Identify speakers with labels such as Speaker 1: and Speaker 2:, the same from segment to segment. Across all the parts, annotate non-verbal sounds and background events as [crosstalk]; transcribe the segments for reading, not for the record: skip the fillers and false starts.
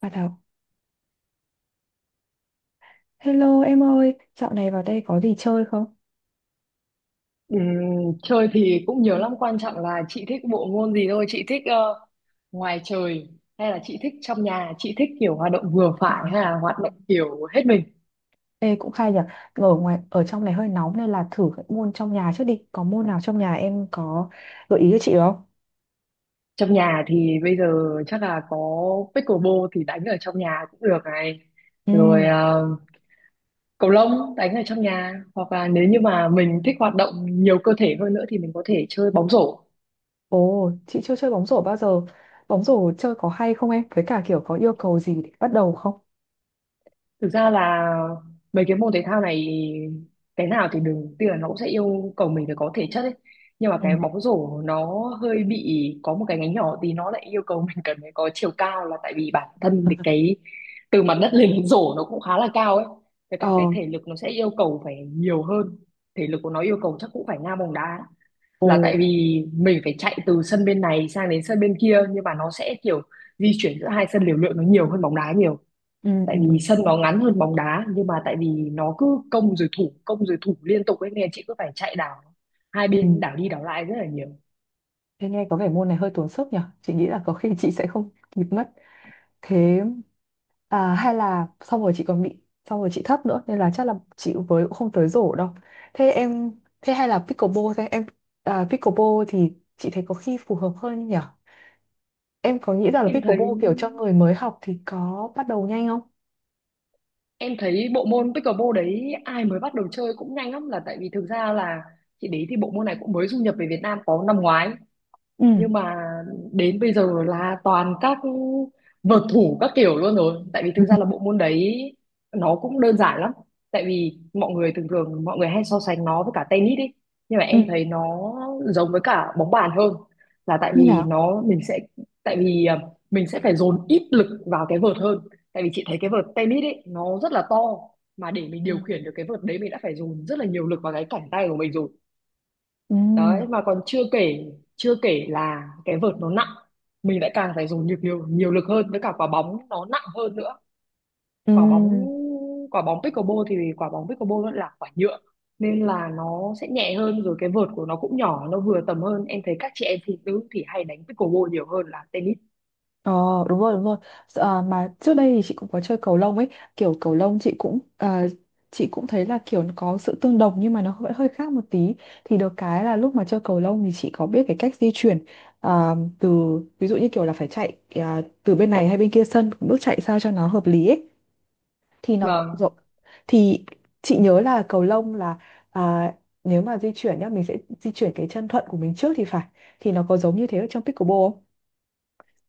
Speaker 1: Bà đầu. Hello em ơi, dạo này vào đây có gì chơi không?
Speaker 2: Ừm, Chơi thì cũng nhiều lắm, quan trọng là chị thích bộ môn gì thôi. Chị thích ngoài trời hay là chị thích trong nhà, chị thích kiểu hoạt động vừa
Speaker 1: Ừ.
Speaker 2: phải hay là hoạt động kiểu hết mình?
Speaker 1: Ê cũng khai nhỉ, ở ngoài ở trong này hơi nóng nên là thử các môn trong nhà trước đi. Có môn nào trong nhà em có gợi ý cho chị không?
Speaker 2: Trong nhà thì bây giờ chắc là có pickleball thì đánh ở trong nhà cũng được này.
Speaker 1: Ừ.
Speaker 2: Rồi cầu lông đánh ở trong nhà, hoặc là nếu như mà mình thích hoạt động nhiều cơ thể hơn nữa thì mình có thể chơi bóng rổ.
Speaker 1: Ồ, chị chưa chơi bóng rổ bao giờ. Bóng rổ chơi có hay không em? Với cả kiểu có yêu cầu gì để bắt đầu không?
Speaker 2: Thực ra là mấy cái môn thể thao này cái nào thì đừng, tuy là nó cũng sẽ yêu cầu mình phải có thể chất ấy, nhưng mà
Speaker 1: Ừ.
Speaker 2: cái bóng rổ nó hơi bị có một cái ngánh nhỏ thì nó lại yêu cầu [laughs] mình cần phải có chiều cao, là tại vì bản thân thì cái từ mặt đất lên [laughs] đến rổ nó cũng khá là cao ấy, với
Speaker 1: Ờ.
Speaker 2: cả cái thể lực nó sẽ yêu cầu phải nhiều hơn. Thể lực của nó yêu cầu chắc cũng phải ngang bóng đá,
Speaker 1: Ồ.
Speaker 2: là tại vì mình phải chạy từ sân bên này sang đến sân bên kia, nhưng mà nó sẽ kiểu di chuyển giữa hai sân liều lượng nó nhiều hơn bóng đá nhiều.
Speaker 1: Ừ,
Speaker 2: Tại
Speaker 1: ừ, ừ.
Speaker 2: vì sân nó ngắn hơn bóng đá, nhưng mà tại vì nó cứ công rồi thủ, công rồi thủ liên tục ấy nên chị cứ phải chạy đảo hai
Speaker 1: Ừ.
Speaker 2: bên, đảo đi đảo lại rất là nhiều.
Speaker 1: Thế nghe có vẻ môn này hơi tốn sức nhỉ? Chị nghĩ là có khi chị sẽ không kịp mất. Thế à, hay là xong rồi chị còn bị xong rồi chị thấp nữa, nên là chắc là chị với cũng không tới rổ đâu. Thế em, thế hay là pickleball, thế em à, pickleball thì chị thấy có khi phù hợp hơn nhỉ? Em có nghĩ rằng là
Speaker 2: em thấy
Speaker 1: pickleball kiểu cho người mới học thì có bắt đầu nhanh không?
Speaker 2: em thấy bộ môn pickleball đấy ai mới bắt đầu chơi cũng nhanh lắm, là tại vì thực ra là chị đấy thì bộ môn này cũng mới du nhập về Việt Nam có năm ngoái,
Speaker 1: Ừ.
Speaker 2: nhưng mà đến bây giờ là toàn các vợt thủ các kiểu luôn rồi. Tại vì
Speaker 1: [laughs] Ừ.
Speaker 2: thực ra là bộ môn đấy nó cũng đơn giản lắm. Tại vì mọi người thường thường mọi người hay so sánh nó với cả tennis đi, nhưng mà
Speaker 1: Ừ.
Speaker 2: em thấy nó giống với cả bóng bàn hơn, là tại
Speaker 1: Như
Speaker 2: vì
Speaker 1: nào?
Speaker 2: nó mình sẽ, tại vì mình sẽ phải dồn ít lực vào cái vợt hơn. Tại vì chị thấy cái vợt tennis ấy nó rất là to, mà để mình
Speaker 1: Ừ.
Speaker 2: điều khiển được cái vợt đấy mình đã phải dồn rất là nhiều lực vào cái cẳng tay của mình rồi.
Speaker 1: Ừ.
Speaker 2: Đấy, mà còn chưa kể, chưa kể là cái vợt nó nặng, mình lại càng phải dùng nhiều nhiều nhiều lực hơn, với cả quả bóng nó nặng hơn nữa.
Speaker 1: Ừ.
Speaker 2: Quả bóng quả bóng pickleball thì quả bóng pickleball nó là quả nhựa nên là nó sẽ nhẹ hơn, rồi cái vợt của nó cũng nhỏ, nó vừa tầm hơn. Em thấy các chị em phụ nữ thì hay đánh pickleball nhiều hơn là tennis.
Speaker 1: Ờ, đúng rồi, đúng rồi. Ờ, mà trước đây thì chị cũng có chơi cầu lông ấy, kiểu cầu lông chị cũng thấy là kiểu nó có sự tương đồng, nhưng mà nó vẫn hơi khác một tí. Thì được cái là lúc mà chơi cầu lông thì chị có biết cái cách di chuyển, từ ví dụ như kiểu là phải chạy, từ bên này hay bên kia sân, bước chạy sao cho nó hợp lý ấy. thì nó rộ-
Speaker 2: Vâng,
Speaker 1: thì chị nhớ là cầu lông là, à, nếu mà di chuyển nhá, mình sẽ di chuyển cái chân thuận của mình trước thì phải. Thì nó có giống như thế ở trong pickleball không?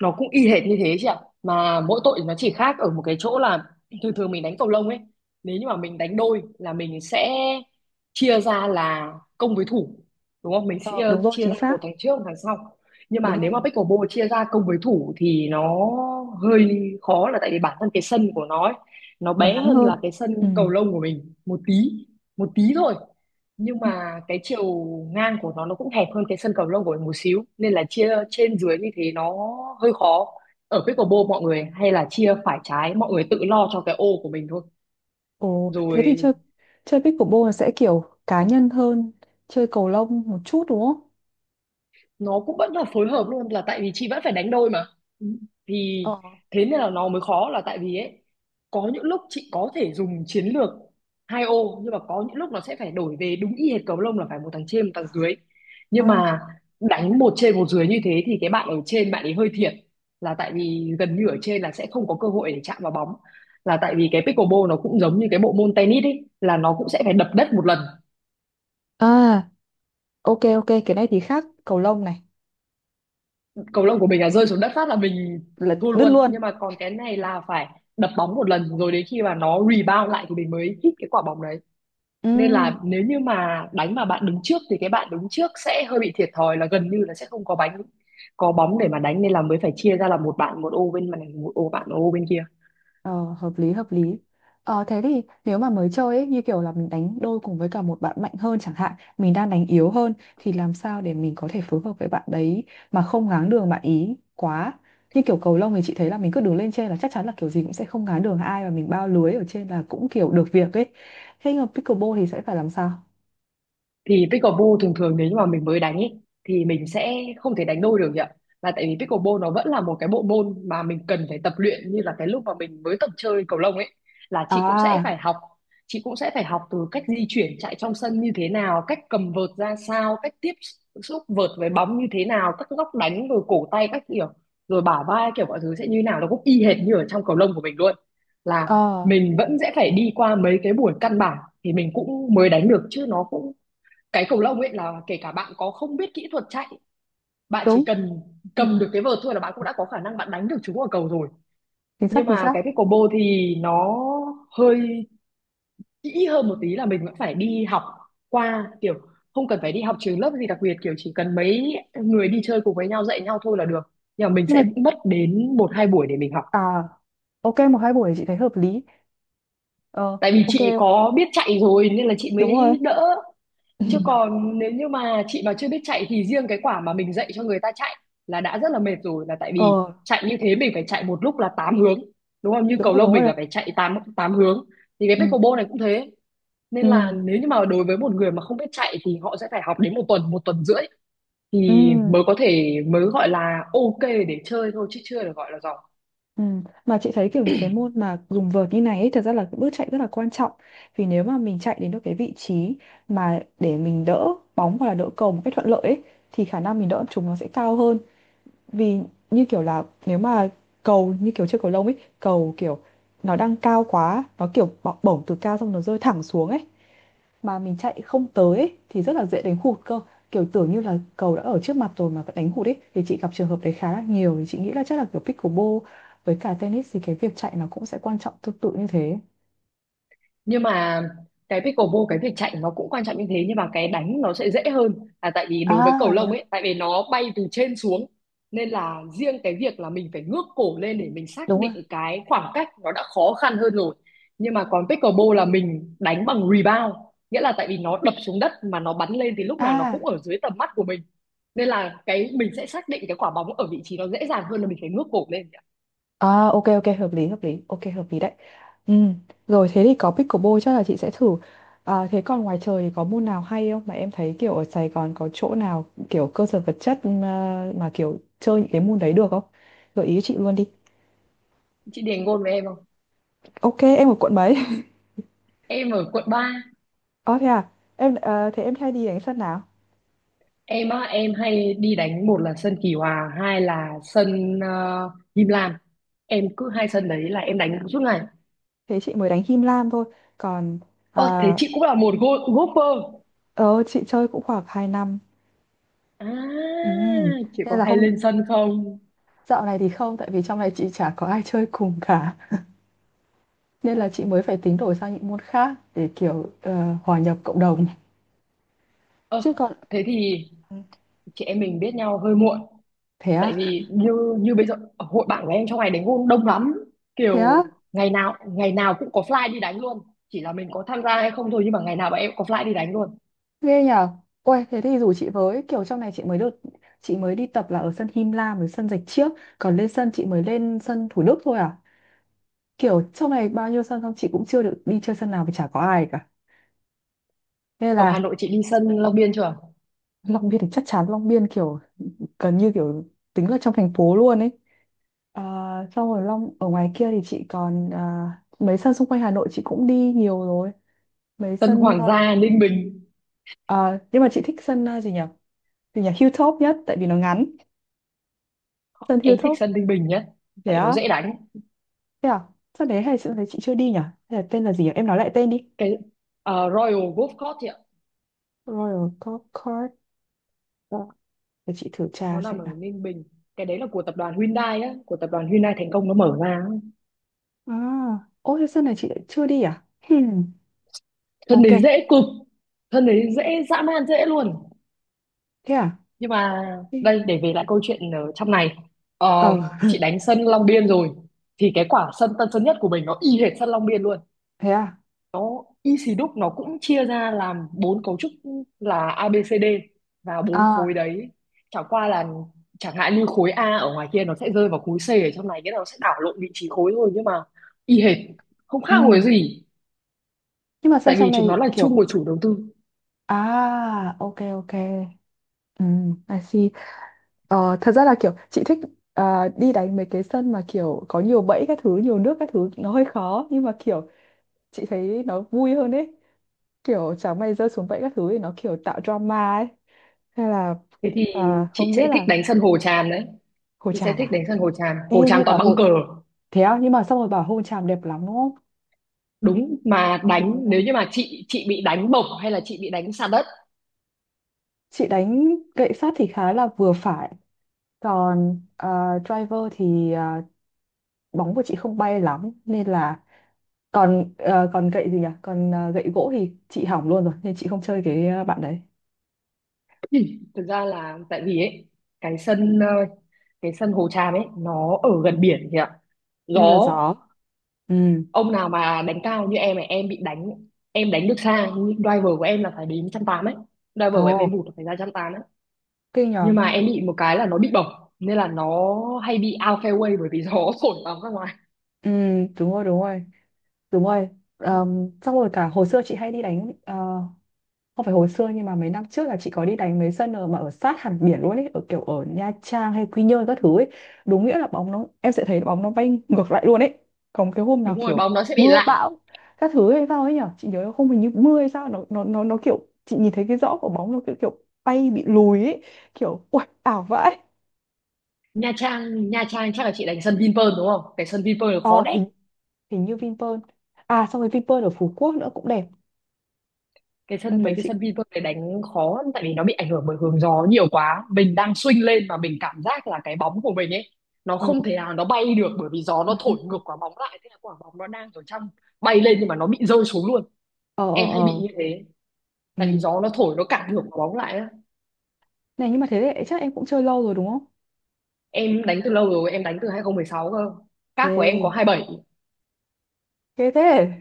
Speaker 2: nó cũng y hệt như thế chị ạ, mà mỗi tội nó chỉ khác ở một cái chỗ là thường thường mình đánh cầu lông ấy, nếu như mà mình đánh đôi là mình sẽ chia ra là công với thủ, đúng không? Mình sẽ
Speaker 1: Ờ, đúng rồi,
Speaker 2: chia
Speaker 1: chính
Speaker 2: ra
Speaker 1: xác.
Speaker 2: một thằng trước một thằng sau. Nhưng mà
Speaker 1: Đúng
Speaker 2: nếu
Speaker 1: rồi.
Speaker 2: mà pickleball chia ra công với thủ thì nó hơi khó, là tại vì bản thân cái sân của nó ấy, nó
Speaker 1: Nó
Speaker 2: bé
Speaker 1: ngắn
Speaker 2: hơn
Speaker 1: hơn.
Speaker 2: là cái
Speaker 1: Ừ.
Speaker 2: sân cầu lông của mình một tí, một tí thôi, nhưng
Speaker 1: Ừ.
Speaker 2: mà cái chiều ngang của nó cũng hẹp hơn cái sân cầu lông của mình một xíu, nên là chia trên dưới như thế nó hơi khó. Ở pickleball mọi người hay là chia phải trái, mọi người tự lo cho cái ô của mình thôi.
Speaker 1: Ồ, thế thì chơi
Speaker 2: Rồi,
Speaker 1: chơi pickleball là sẽ kiểu cá nhân hơn chơi cầu lông một chút đúng không?
Speaker 2: nó cũng vẫn là phối hợp luôn, là tại vì chị vẫn phải đánh đôi mà. Thì
Speaker 1: Ờ.
Speaker 2: thế nên là nó mới khó, là tại vì ấy, có những lúc chị có thể dùng chiến lược hai ô, nhưng mà có những lúc nó sẽ phải đổi về đúng y hệt cầu lông là phải một thằng trên một thằng dưới. Nhưng
Speaker 1: À.
Speaker 2: mà đánh một trên một dưới như thế thì cái bạn ở trên bạn ấy hơi thiệt, là tại vì gần như ở trên là sẽ không có cơ hội để chạm vào bóng. Là tại vì cái pickleball nó cũng giống như cái bộ môn tennis ấy, là nó cũng sẽ phải đập đất một lần.
Speaker 1: À, ok, ok. Cái này thì khác cầu lông này.
Speaker 2: Cầu lông của mình là rơi xuống đất phát là mình
Speaker 1: Là
Speaker 2: thua
Speaker 1: đứt
Speaker 2: luôn,
Speaker 1: luôn.
Speaker 2: nhưng mà còn cái này là phải đập bóng một lần rồi đến khi mà nó rebound lại thì mình mới hit cái quả bóng đấy.
Speaker 1: Ừ.
Speaker 2: Nên là nếu như mà đánh mà bạn đứng trước thì cái bạn đứng trước sẽ hơi bị thiệt thòi, là gần như là sẽ không có bánh, có bóng để mà đánh, nên là mới phải chia ra là một bạn một ô bên này, một ô bạn một ô bên kia.
Speaker 1: Ờ, hợp lý, hợp lý. Thế thì nếu mà mới chơi ấy, như kiểu là mình đánh đôi cùng với cả một bạn mạnh hơn chẳng hạn, mình đang đánh yếu hơn, thì làm sao để mình có thể phối hợp với bạn đấy mà không ngáng đường bạn ý quá? Như kiểu cầu lông thì chị thấy là mình cứ đứng lên trên là chắc chắn là kiểu gì cũng sẽ không ngáng đường ai, và mình bao lưới ở trên là cũng kiểu được việc ấy. Thế nhưng mà pickleball thì sẽ phải làm sao?
Speaker 2: Thì pickleball thường thường nếu như mà mình mới đánh ý, thì mình sẽ không thể đánh đôi được nhỉ, là tại vì pickleball nó vẫn là một cái bộ môn mà mình cần phải tập luyện, như là cái lúc mà mình mới tập chơi cầu lông ấy, là chị cũng sẽ
Speaker 1: À.
Speaker 2: phải học chị cũng sẽ phải học từ cách di chuyển chạy trong sân như thế nào, cách cầm vợt ra sao, cách tiếp xúc vợt với bóng như thế nào, các góc đánh rồi cổ tay các kiểu, rồi bả vai, kiểu mọi thứ sẽ như nào, nó cũng y hệt như ở trong cầu lông của mình luôn. Là
Speaker 1: Ờ.
Speaker 2: mình vẫn sẽ phải đi qua mấy cái buổi căn bản thì mình cũng mới đánh được, chứ nó cũng, cái cầu lông ấy là kể cả bạn có không biết kỹ thuật chạy, bạn chỉ
Speaker 1: Đúng.
Speaker 2: cần
Speaker 1: Ừ,
Speaker 2: cầm được cái vợt thôi là bạn cũng đã có khả năng bạn đánh được chúng ở cầu rồi.
Speaker 1: chính xác,
Speaker 2: Nhưng
Speaker 1: chính
Speaker 2: mà
Speaker 1: xác.
Speaker 2: cái pickleball thì nó hơi kỹ hơn một tí, là mình vẫn phải đi học qua kiểu, không cần phải đi học trường lớp gì đặc biệt, kiểu chỉ cần mấy người đi chơi cùng với nhau dạy nhau thôi là được, nhưng mà mình
Speaker 1: Nhưng mà,
Speaker 2: sẽ mất đến một hai buổi để mình học.
Speaker 1: à, ok, một hai buổi thì chị thấy hợp lý. Ờ.
Speaker 2: Tại vì
Speaker 1: Ok.
Speaker 2: chị có biết chạy rồi nên là chị
Speaker 1: Đúng rồi.
Speaker 2: mới đỡ. Chứ
Speaker 1: [laughs]
Speaker 2: còn nếu như mà chị mà chưa biết chạy thì riêng cái quả mà mình dạy cho người ta chạy là đã rất là mệt rồi, là tại
Speaker 1: Ờ,
Speaker 2: vì chạy như thế mình phải chạy một lúc là 8 hướng, đúng không? Như
Speaker 1: đúng
Speaker 2: cầu
Speaker 1: rồi,
Speaker 2: lông
Speaker 1: đúng
Speaker 2: mình
Speaker 1: rồi.
Speaker 2: là phải chạy 8 tám hướng, thì cái
Speaker 1: Ừ.
Speaker 2: pickleball này cũng thế. Nên là
Speaker 1: Ừ.
Speaker 2: nếu như mà đối với một người mà không biết chạy thì họ sẽ phải học đến một tuần rưỡi
Speaker 1: Ừ.
Speaker 2: thì mới có thể, mới gọi là ok để chơi thôi, chứ chưa được gọi là giỏi.
Speaker 1: Ừ. Mà chị thấy kiểu những cái môn mà dùng vợt như này ấy, thật ra là cái bước chạy rất là quan trọng. Vì nếu mà mình chạy đến được cái vị trí mà để mình đỡ bóng hoặc là đỡ cầu một cách thuận lợi ấy, thì khả năng mình đỡ chúng nó sẽ cao hơn. Vì như kiểu là nếu mà cầu, như kiểu chơi cầu lông ấy, cầu kiểu nó đang cao quá, nó kiểu bổng từ cao xong nó rơi thẳng xuống ấy. Mà mình chạy không tới ấy, thì rất là dễ đánh hụt cơ, kiểu, tưởng như là cầu đã ở trước mặt rồi mà vẫn đánh hụt ấy, thì chị gặp trường hợp đấy khá là nhiều, thì chị nghĩ là chắc là, kiểu, pickleball với cả tennis thì cái việc chạy nó cũng sẽ quan trọng tương tự như thế.
Speaker 2: Nhưng mà cái pickleball cái việc chạy nó cũng quan trọng như thế, nhưng mà cái đánh nó sẽ dễ hơn, là tại vì đối với cầu
Speaker 1: À, thế
Speaker 2: lông
Speaker 1: à?
Speaker 2: ấy, tại vì nó bay từ trên xuống nên là riêng cái việc là mình phải ngước cổ lên để mình xác
Speaker 1: Đúng rồi.
Speaker 2: định cái khoảng cách nó đã khó khăn hơn rồi. Nhưng mà còn pickleball là mình đánh bằng rebound, nghĩa là tại vì nó đập xuống đất mà nó bắn lên thì lúc nào nó cũng
Speaker 1: À.
Speaker 2: ở dưới tầm mắt của mình, nên là cái mình sẽ xác định cái quả bóng ở vị trí nó dễ dàng hơn là mình phải ngước cổ lên.
Speaker 1: À, ok, ok, hợp lý, hợp lý. Ok, hợp lý đấy. Ừ. Rồi thế thì có pickleball chắc là chị sẽ thử. À, thế còn ngoài trời thì có môn nào hay không mà em thấy kiểu ở Sài Gòn có chỗ nào kiểu cơ sở vật chất, mà kiểu chơi những cái môn đấy được không? Gợi ý cho chị luôn đi.
Speaker 2: Chị Điền ngôn với em không?
Speaker 1: Ok, em ở quận mấy? [laughs]
Speaker 2: Em ở quận ba.
Speaker 1: Ờ, thế à? Thế em hay đi đánh sân nào?
Speaker 2: Em á, em hay đi đánh, một là sân Kỳ Hòa, hai là sân Him Lam. Em cứ hai sân đấy là em đánh suốt ngày.
Speaker 1: Thế chị mới đánh Him Lam thôi. Còn,
Speaker 2: Ơ
Speaker 1: à,
Speaker 2: thế chị cũng là một golfer
Speaker 1: ờ chị chơi cũng khoảng 2 năm. Ừ.
Speaker 2: à? Chị có
Speaker 1: Nên là
Speaker 2: hay lên sân không?
Speaker 1: dạo này thì không, tại vì trong này chị chả có ai chơi cùng cả, nên
Speaker 2: Ờ,
Speaker 1: là chị mới phải tính đổi sang những môn khác để kiểu, hòa nhập cộng đồng.
Speaker 2: ờ,
Speaker 1: Chứ còn.
Speaker 2: thế thì
Speaker 1: Ừ.
Speaker 2: chị em mình biết nhau hơi muộn,
Speaker 1: Thế
Speaker 2: tại
Speaker 1: à.
Speaker 2: vì như, như bây giờ hội bạn của em trong ngày đánh golf đông lắm,
Speaker 1: Thế á.
Speaker 2: kiểu ngày nào cũng có fly đi đánh luôn, chỉ là mình có tham gia hay không thôi, nhưng mà ngày nào bọn em cũng có fly đi đánh luôn.
Speaker 1: Ghê nhở. Ôi thế thì rủ chị với, kiểu trong này chị mới được, chị mới đi tập là ở sân Him Lam với sân Rạch Chiếc, còn lên sân chị mới lên sân Thủ Đức thôi à, kiểu trong này bao nhiêu sân, xong chị cũng chưa được đi chơi sân nào vì chả có ai cả nên
Speaker 2: Ở
Speaker 1: là.
Speaker 2: Hà Nội chị đi sân Long Biên chưa?
Speaker 1: Long Biên thì chắc chắn Long Biên kiểu gần như kiểu tính là trong thành phố luôn ấy. À, xong rồi Long ở ngoài kia thì chị còn, à, mấy sân xung quanh Hà Nội chị cũng đi nhiều rồi. Mấy
Speaker 2: Sân
Speaker 1: sân,
Speaker 2: Hoàng
Speaker 1: à.
Speaker 2: gia Ninh Bình,
Speaker 1: À, nhưng mà chị thích sân, à, gì nhỉ, gì nhỉ, Hilltop nhất tại vì nó ngắn. Sân
Speaker 2: em thích
Speaker 1: Hilltop.
Speaker 2: sân Ninh Bình nhá,
Speaker 1: Thế
Speaker 2: tại nó
Speaker 1: á.
Speaker 2: dễ đánh.
Speaker 1: Thế à. Sân đấy hay, sân đấy chị chưa đi nhỉ? Hay là tên là gì nhỉ, em nói lại tên đi.
Speaker 2: Cái Royal Golf Course thì ạ.
Speaker 1: Royal Golf Course. Ờ, để chị thử tra
Speaker 2: Nó nằm
Speaker 1: xem
Speaker 2: ở
Speaker 1: nào.
Speaker 2: Ninh Bình, cái đấy là của tập đoàn Hyundai á, của tập đoàn Hyundai Thành Công nó mở ra á.
Speaker 1: À, ô thế sân này chị lại chưa đi à? Hmm.
Speaker 2: Sân
Speaker 1: Ok.
Speaker 2: đấy dễ cực. Sân đấy dễ dã man, dễ luôn.
Speaker 1: Thế à?
Speaker 2: Nhưng mà
Speaker 1: Đi.
Speaker 2: đây, để về lại câu chuyện ở trong này. Ờ,
Speaker 1: Ờ.
Speaker 2: chị đánh sân Long Biên rồi thì cái quả sân Tân Sơn Nhất của mình nó y hệt sân Long Biên luôn.
Speaker 1: Thế à?
Speaker 2: Nó y xì đúc, nó cũng chia ra làm bốn cấu trúc, là A B C D và bốn khối
Speaker 1: À.
Speaker 2: đấy. Chẳng qua là, chẳng hạn như khối A ở ngoài kia nó sẽ rơi vào khối C ở trong này, cái nó sẽ đảo lộn vị trí khối thôi, nhưng mà y hệt, không
Speaker 1: Ừ.
Speaker 2: khác hồi gì.
Speaker 1: Nhưng mà sân
Speaker 2: Tại
Speaker 1: trong
Speaker 2: vì chúng nó
Speaker 1: này
Speaker 2: là chung
Speaker 1: kiểu...
Speaker 2: một chủ đầu tư.
Speaker 1: À, ok, ok. Ừ, I see. Ờ, thật ra là kiểu chị thích, à, đi đánh mấy cái sân mà kiểu có nhiều bẫy các thứ, nhiều nước các thứ, nó hơi khó nhưng mà kiểu chị thấy nó vui hơn ấy. Kiểu chẳng may rơi xuống bẫy các thứ thì nó kiểu tạo drama ấy. Hay là,
Speaker 2: Thế thì
Speaker 1: à,
Speaker 2: chị
Speaker 1: không biết
Speaker 2: sẽ thích
Speaker 1: là.
Speaker 2: đánh sân hồ tràm đấy.
Speaker 1: Hồ
Speaker 2: Chị sẽ
Speaker 1: Tràm
Speaker 2: thích
Speaker 1: à?
Speaker 2: đánh sân hồ tràm,
Speaker 1: Ê,
Speaker 2: hồ tràm
Speaker 1: nghe
Speaker 2: toàn
Speaker 1: bảo
Speaker 2: băng
Speaker 1: Hồ.
Speaker 2: cờ.
Speaker 1: Thế á, nhưng mà xong rồi bảo hôn chàm đẹp lắm đúng không?
Speaker 2: Đúng mà,
Speaker 1: Trời
Speaker 2: đánh
Speaker 1: ơi.
Speaker 2: nếu như mà chị bị đánh bổng hay là chị bị đánh sạt đất.
Speaker 1: Chị đánh gậy sắt thì khá là vừa phải. Còn, driver thì, bóng của chị không bay lắm nên là, còn gậy gì nhỉ? Gậy gỗ thì chị hỏng luôn rồi nên chị không chơi cái, bạn đấy.
Speaker 2: [clears throat] Thực ra là tại vì ấy, cái sân cái sân Hồ Tràm ấy nó ở gần biển thì ạ, gió.
Speaker 1: Nên là gió. Ừ.
Speaker 2: Ông nào mà đánh cao như em này em bị đánh, em đánh được xa nhưng driver của em là phải đến trăm tám ấy. Driver của em
Speaker 1: Ồ,
Speaker 2: vụt là phải ra trăm tám ấy.
Speaker 1: kinh nhờ.
Speaker 2: Nhưng mà em bị một cái là nó bị bổng, nên là nó hay bị out fairway bởi vì gió [laughs] thổi bóng ra ngoài.
Speaker 1: Ừ, đúng rồi, đúng rồi. Đúng rồi. Xong rồi cả hồi xưa chị hay đi đánh, không phải hồi xưa nhưng mà mấy năm trước là chị có đi đánh mấy sân ở, mà ở sát hẳn biển luôn ấy, ở kiểu ở Nha Trang hay Quy Nhơn các thứ ấy. Đúng nghĩa là bóng nó, em sẽ thấy bóng nó bay ngược lại luôn ấy. Còn cái hôm nào
Speaker 2: Đúng rồi,
Speaker 1: kiểu
Speaker 2: bóng nó sẽ bị
Speaker 1: mưa
Speaker 2: lạng.
Speaker 1: bão các thứ hay sao ấy nhở, chị nhớ không, hình như mưa hay sao, nó kiểu chị nhìn thấy cái rõ của bóng nó kiểu kiểu bay bị lùi ấy, kiểu ui ảo vãi.
Speaker 2: Nha Trang chắc là chị đánh sân Vinpearl đúng không? Cái sân Vinpearl nó
Speaker 1: Ờ,
Speaker 2: khó đét.
Speaker 1: hình hình như Vinpearl. À, xong rồi Vinpearl ở Phú Quốc nữa cũng đẹp.
Speaker 2: Cái
Speaker 1: Sân
Speaker 2: sân, mấy
Speaker 1: tài
Speaker 2: cái
Speaker 1: chị.
Speaker 2: sân Vinpearl này đánh khó lắm, tại vì nó bị ảnh hưởng bởi hướng gió nhiều quá. Mình đang swing lên mà mình cảm giác là cái bóng của mình ấy, nó
Speaker 1: Ừ.
Speaker 2: không thể nào nó bay được bởi vì gió nó thổi ngược
Speaker 1: [laughs]
Speaker 2: quả bóng lại, thế là quả bóng nó đang ở trong bay lên nhưng mà nó bị rơi xuống luôn.
Speaker 1: Ờ, ờ,
Speaker 2: Em hay bị
Speaker 1: ờ.
Speaker 2: như thế, tại
Speaker 1: Ừ.
Speaker 2: vì gió nó thổi nó cản ngược quả bóng lại á.
Speaker 1: Này nhưng mà thế thì chắc em cũng chơi lâu rồi đúng không?
Speaker 2: Em đánh từ lâu rồi, em đánh từ 2016 cơ. Cáp của em có
Speaker 1: Ghê.
Speaker 2: 27.
Speaker 1: Ghê thế. [laughs]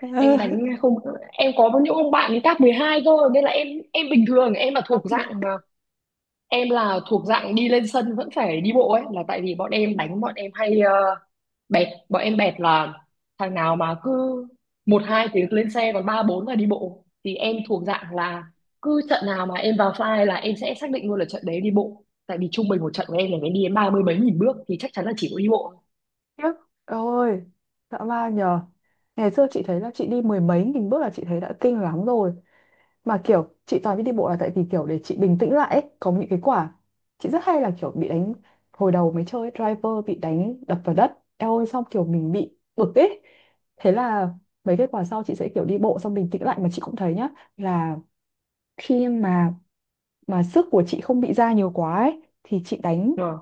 Speaker 1: Ờ.
Speaker 2: Em đánh không, em có những ông bạn ấy cáp 12 cơ nên là em bình thường em là thuộc
Speaker 1: Áp lực.
Speaker 2: dạng mà, em là thuộc dạng đi lên sân vẫn phải đi bộ ấy. Là tại vì bọn em hay bẹt. Bọn em bẹt là thằng nào mà cứ một hai tiếng lên xe, còn ba bốn là đi bộ, thì em thuộc dạng là cứ trận nào mà em vào file là em sẽ xác định luôn là trận đấy đi bộ. Tại vì trung bình một trận của em là phải đi đến ba mươi mấy nghìn bước thì chắc chắn là chỉ có đi bộ.
Speaker 1: Khiếp. Ôi. Dã man nhờ. Ngày xưa chị thấy là chị đi mười mấy nghìn bước là chị thấy đã kinh lắm rồi. Mà kiểu chị toàn biết đi bộ là tại vì kiểu để chị bình tĩnh lại ấy. Có những cái quả chị rất hay là kiểu bị đánh, hồi đầu mới chơi driver bị đánh đập vào đất, eo ơi, xong kiểu mình bị bực ấy. Thế là mấy cái quả sau chị sẽ kiểu đi bộ xong bình tĩnh lại, mà chị cũng thấy nhá, là khi mà, sức của chị không bị ra nhiều quá ấy, thì chị đánh
Speaker 2: Ờ,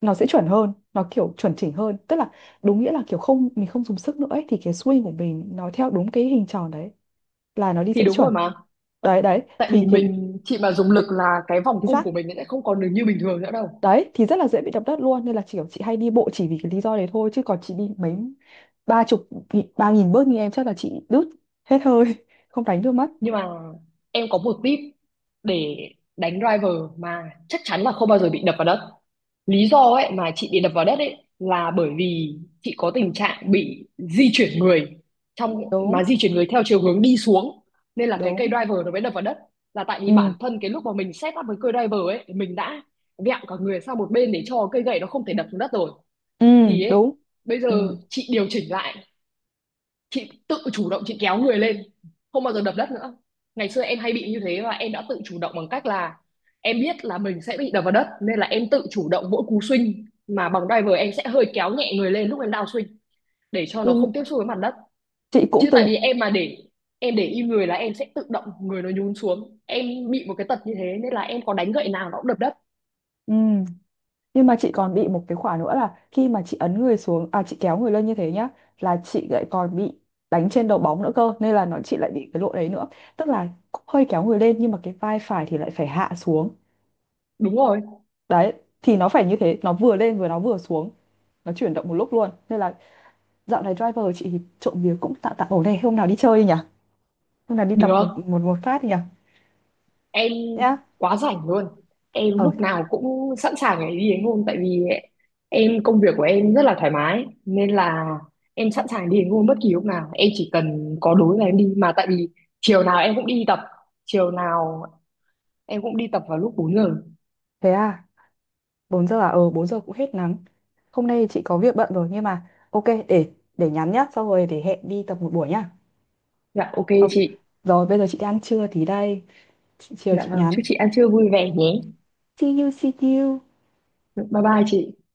Speaker 1: nó sẽ chuẩn hơn, nó kiểu chuẩn chỉnh hơn, tức là đúng nghĩa là kiểu không, mình không dùng sức nữa ấy, thì cái swing của mình nó theo đúng cái hình tròn đấy là nó đi
Speaker 2: thì
Speaker 1: sẽ
Speaker 2: đúng
Speaker 1: chuẩn.
Speaker 2: rồi mà,
Speaker 1: Đấy, đấy
Speaker 2: tại
Speaker 1: thì
Speaker 2: vì
Speaker 1: cái
Speaker 2: chị mà dùng lực là cái vòng
Speaker 1: cái
Speaker 2: cung
Speaker 1: giác
Speaker 2: của mình nó sẽ không còn được như bình thường nữa đâu.
Speaker 1: đấy thì rất là dễ bị đập đất luôn, nên là chỉ kiểu chị hay đi bộ chỉ vì cái lý do đấy thôi, chứ còn chị đi mấy ba chục ba nghìn bước như em chắc là chị đứt hết hơi, [laughs] không đánh được mất.
Speaker 2: Nhưng mà em có một tip để đánh driver mà chắc chắn là không bao giờ bị đập vào đất. Lý do ấy mà chị bị đập vào đất ấy là bởi vì chị có tình trạng bị di chuyển người, trong mà
Speaker 1: Đúng.
Speaker 2: di chuyển người theo chiều hướng đi xuống nên là cái cây
Speaker 1: Đúng.
Speaker 2: driver nó mới đập vào đất. Là tại
Speaker 1: Ừ.
Speaker 2: vì bản thân cái lúc mà mình set up với cây driver ấy mình đã vẹo cả người sang một bên để cho cây gậy nó không thể đập xuống đất rồi.
Speaker 1: Ừ.
Speaker 2: Thì ấy,
Speaker 1: Đúng.
Speaker 2: bây
Speaker 1: Ừ.
Speaker 2: giờ chị điều chỉnh lại, chị tự chủ động chị kéo người lên, không bao giờ đập đất nữa. Ngày xưa em hay bị như thế và em đã tự chủ động bằng cách là em biết là mình sẽ bị đập vào đất nên là em tự chủ động mỗi cú swing mà bằng driver em sẽ hơi kéo nhẹ người lên lúc em down swing, để cho nó
Speaker 1: Nhưng
Speaker 2: không tiếp xúc với mặt đất.
Speaker 1: chị cũng
Speaker 2: Chứ tại
Speaker 1: từng.
Speaker 2: vì em mà để em để im người là em sẽ tự động người nó nhún xuống. Em bị một cái tật như thế nên là em có đánh gậy nào nó cũng đập đất.
Speaker 1: Ừ. Nhưng mà chị còn bị một cái khoản nữa là khi mà chị ấn người xuống, à, chị kéo người lên như thế nhá, là chị lại còn bị đánh trên đầu bóng nữa cơ, nên là nó chị lại bị cái lỗi đấy nữa. Tức là cũng hơi kéo người lên nhưng mà cái vai phải thì lại phải hạ xuống.
Speaker 2: Đúng rồi,
Speaker 1: Đấy thì nó phải như thế, nó vừa lên vừa nó vừa xuống, nó chuyển động một lúc luôn. Nên là dạo này driver chị thì trộm vía cũng tạm tạm ổn này, hôm nào đi chơi đi nhỉ? Hôm nào đi tập
Speaker 2: được.
Speaker 1: một một một phát đi nhỉ?
Speaker 2: Em
Speaker 1: Nhá.
Speaker 2: quá rảnh luôn, em
Speaker 1: Ờ,
Speaker 2: lúc nào cũng sẵn sàng để đi đánh hôn. Tại vì em công việc của em rất là thoải mái nên là em sẵn sàng đi đánh hôn bất kỳ lúc nào, em chỉ cần có đối là em đi. Mà tại vì chiều nào em cũng đi tập, chiều nào em cũng đi tập vào lúc 4 giờ.
Speaker 1: thế à, 4 giờ à? Ờ 4 giờ cũng hết nắng. Hôm nay chị có việc bận rồi nhưng mà ok, để nhắn nhá, xong rồi để hẹn đi tập một buổi nhá.
Speaker 2: Dạ ok
Speaker 1: Ờ,
Speaker 2: chị.
Speaker 1: rồi bây giờ chị đi ăn trưa tí đây, chị, chiều
Speaker 2: Dạ
Speaker 1: chị
Speaker 2: vâng,
Speaker 1: nhắn.
Speaker 2: chúc chị ăn trưa vui vẻ nhé.
Speaker 1: See you, see you.
Speaker 2: Dạ, bye bye chị.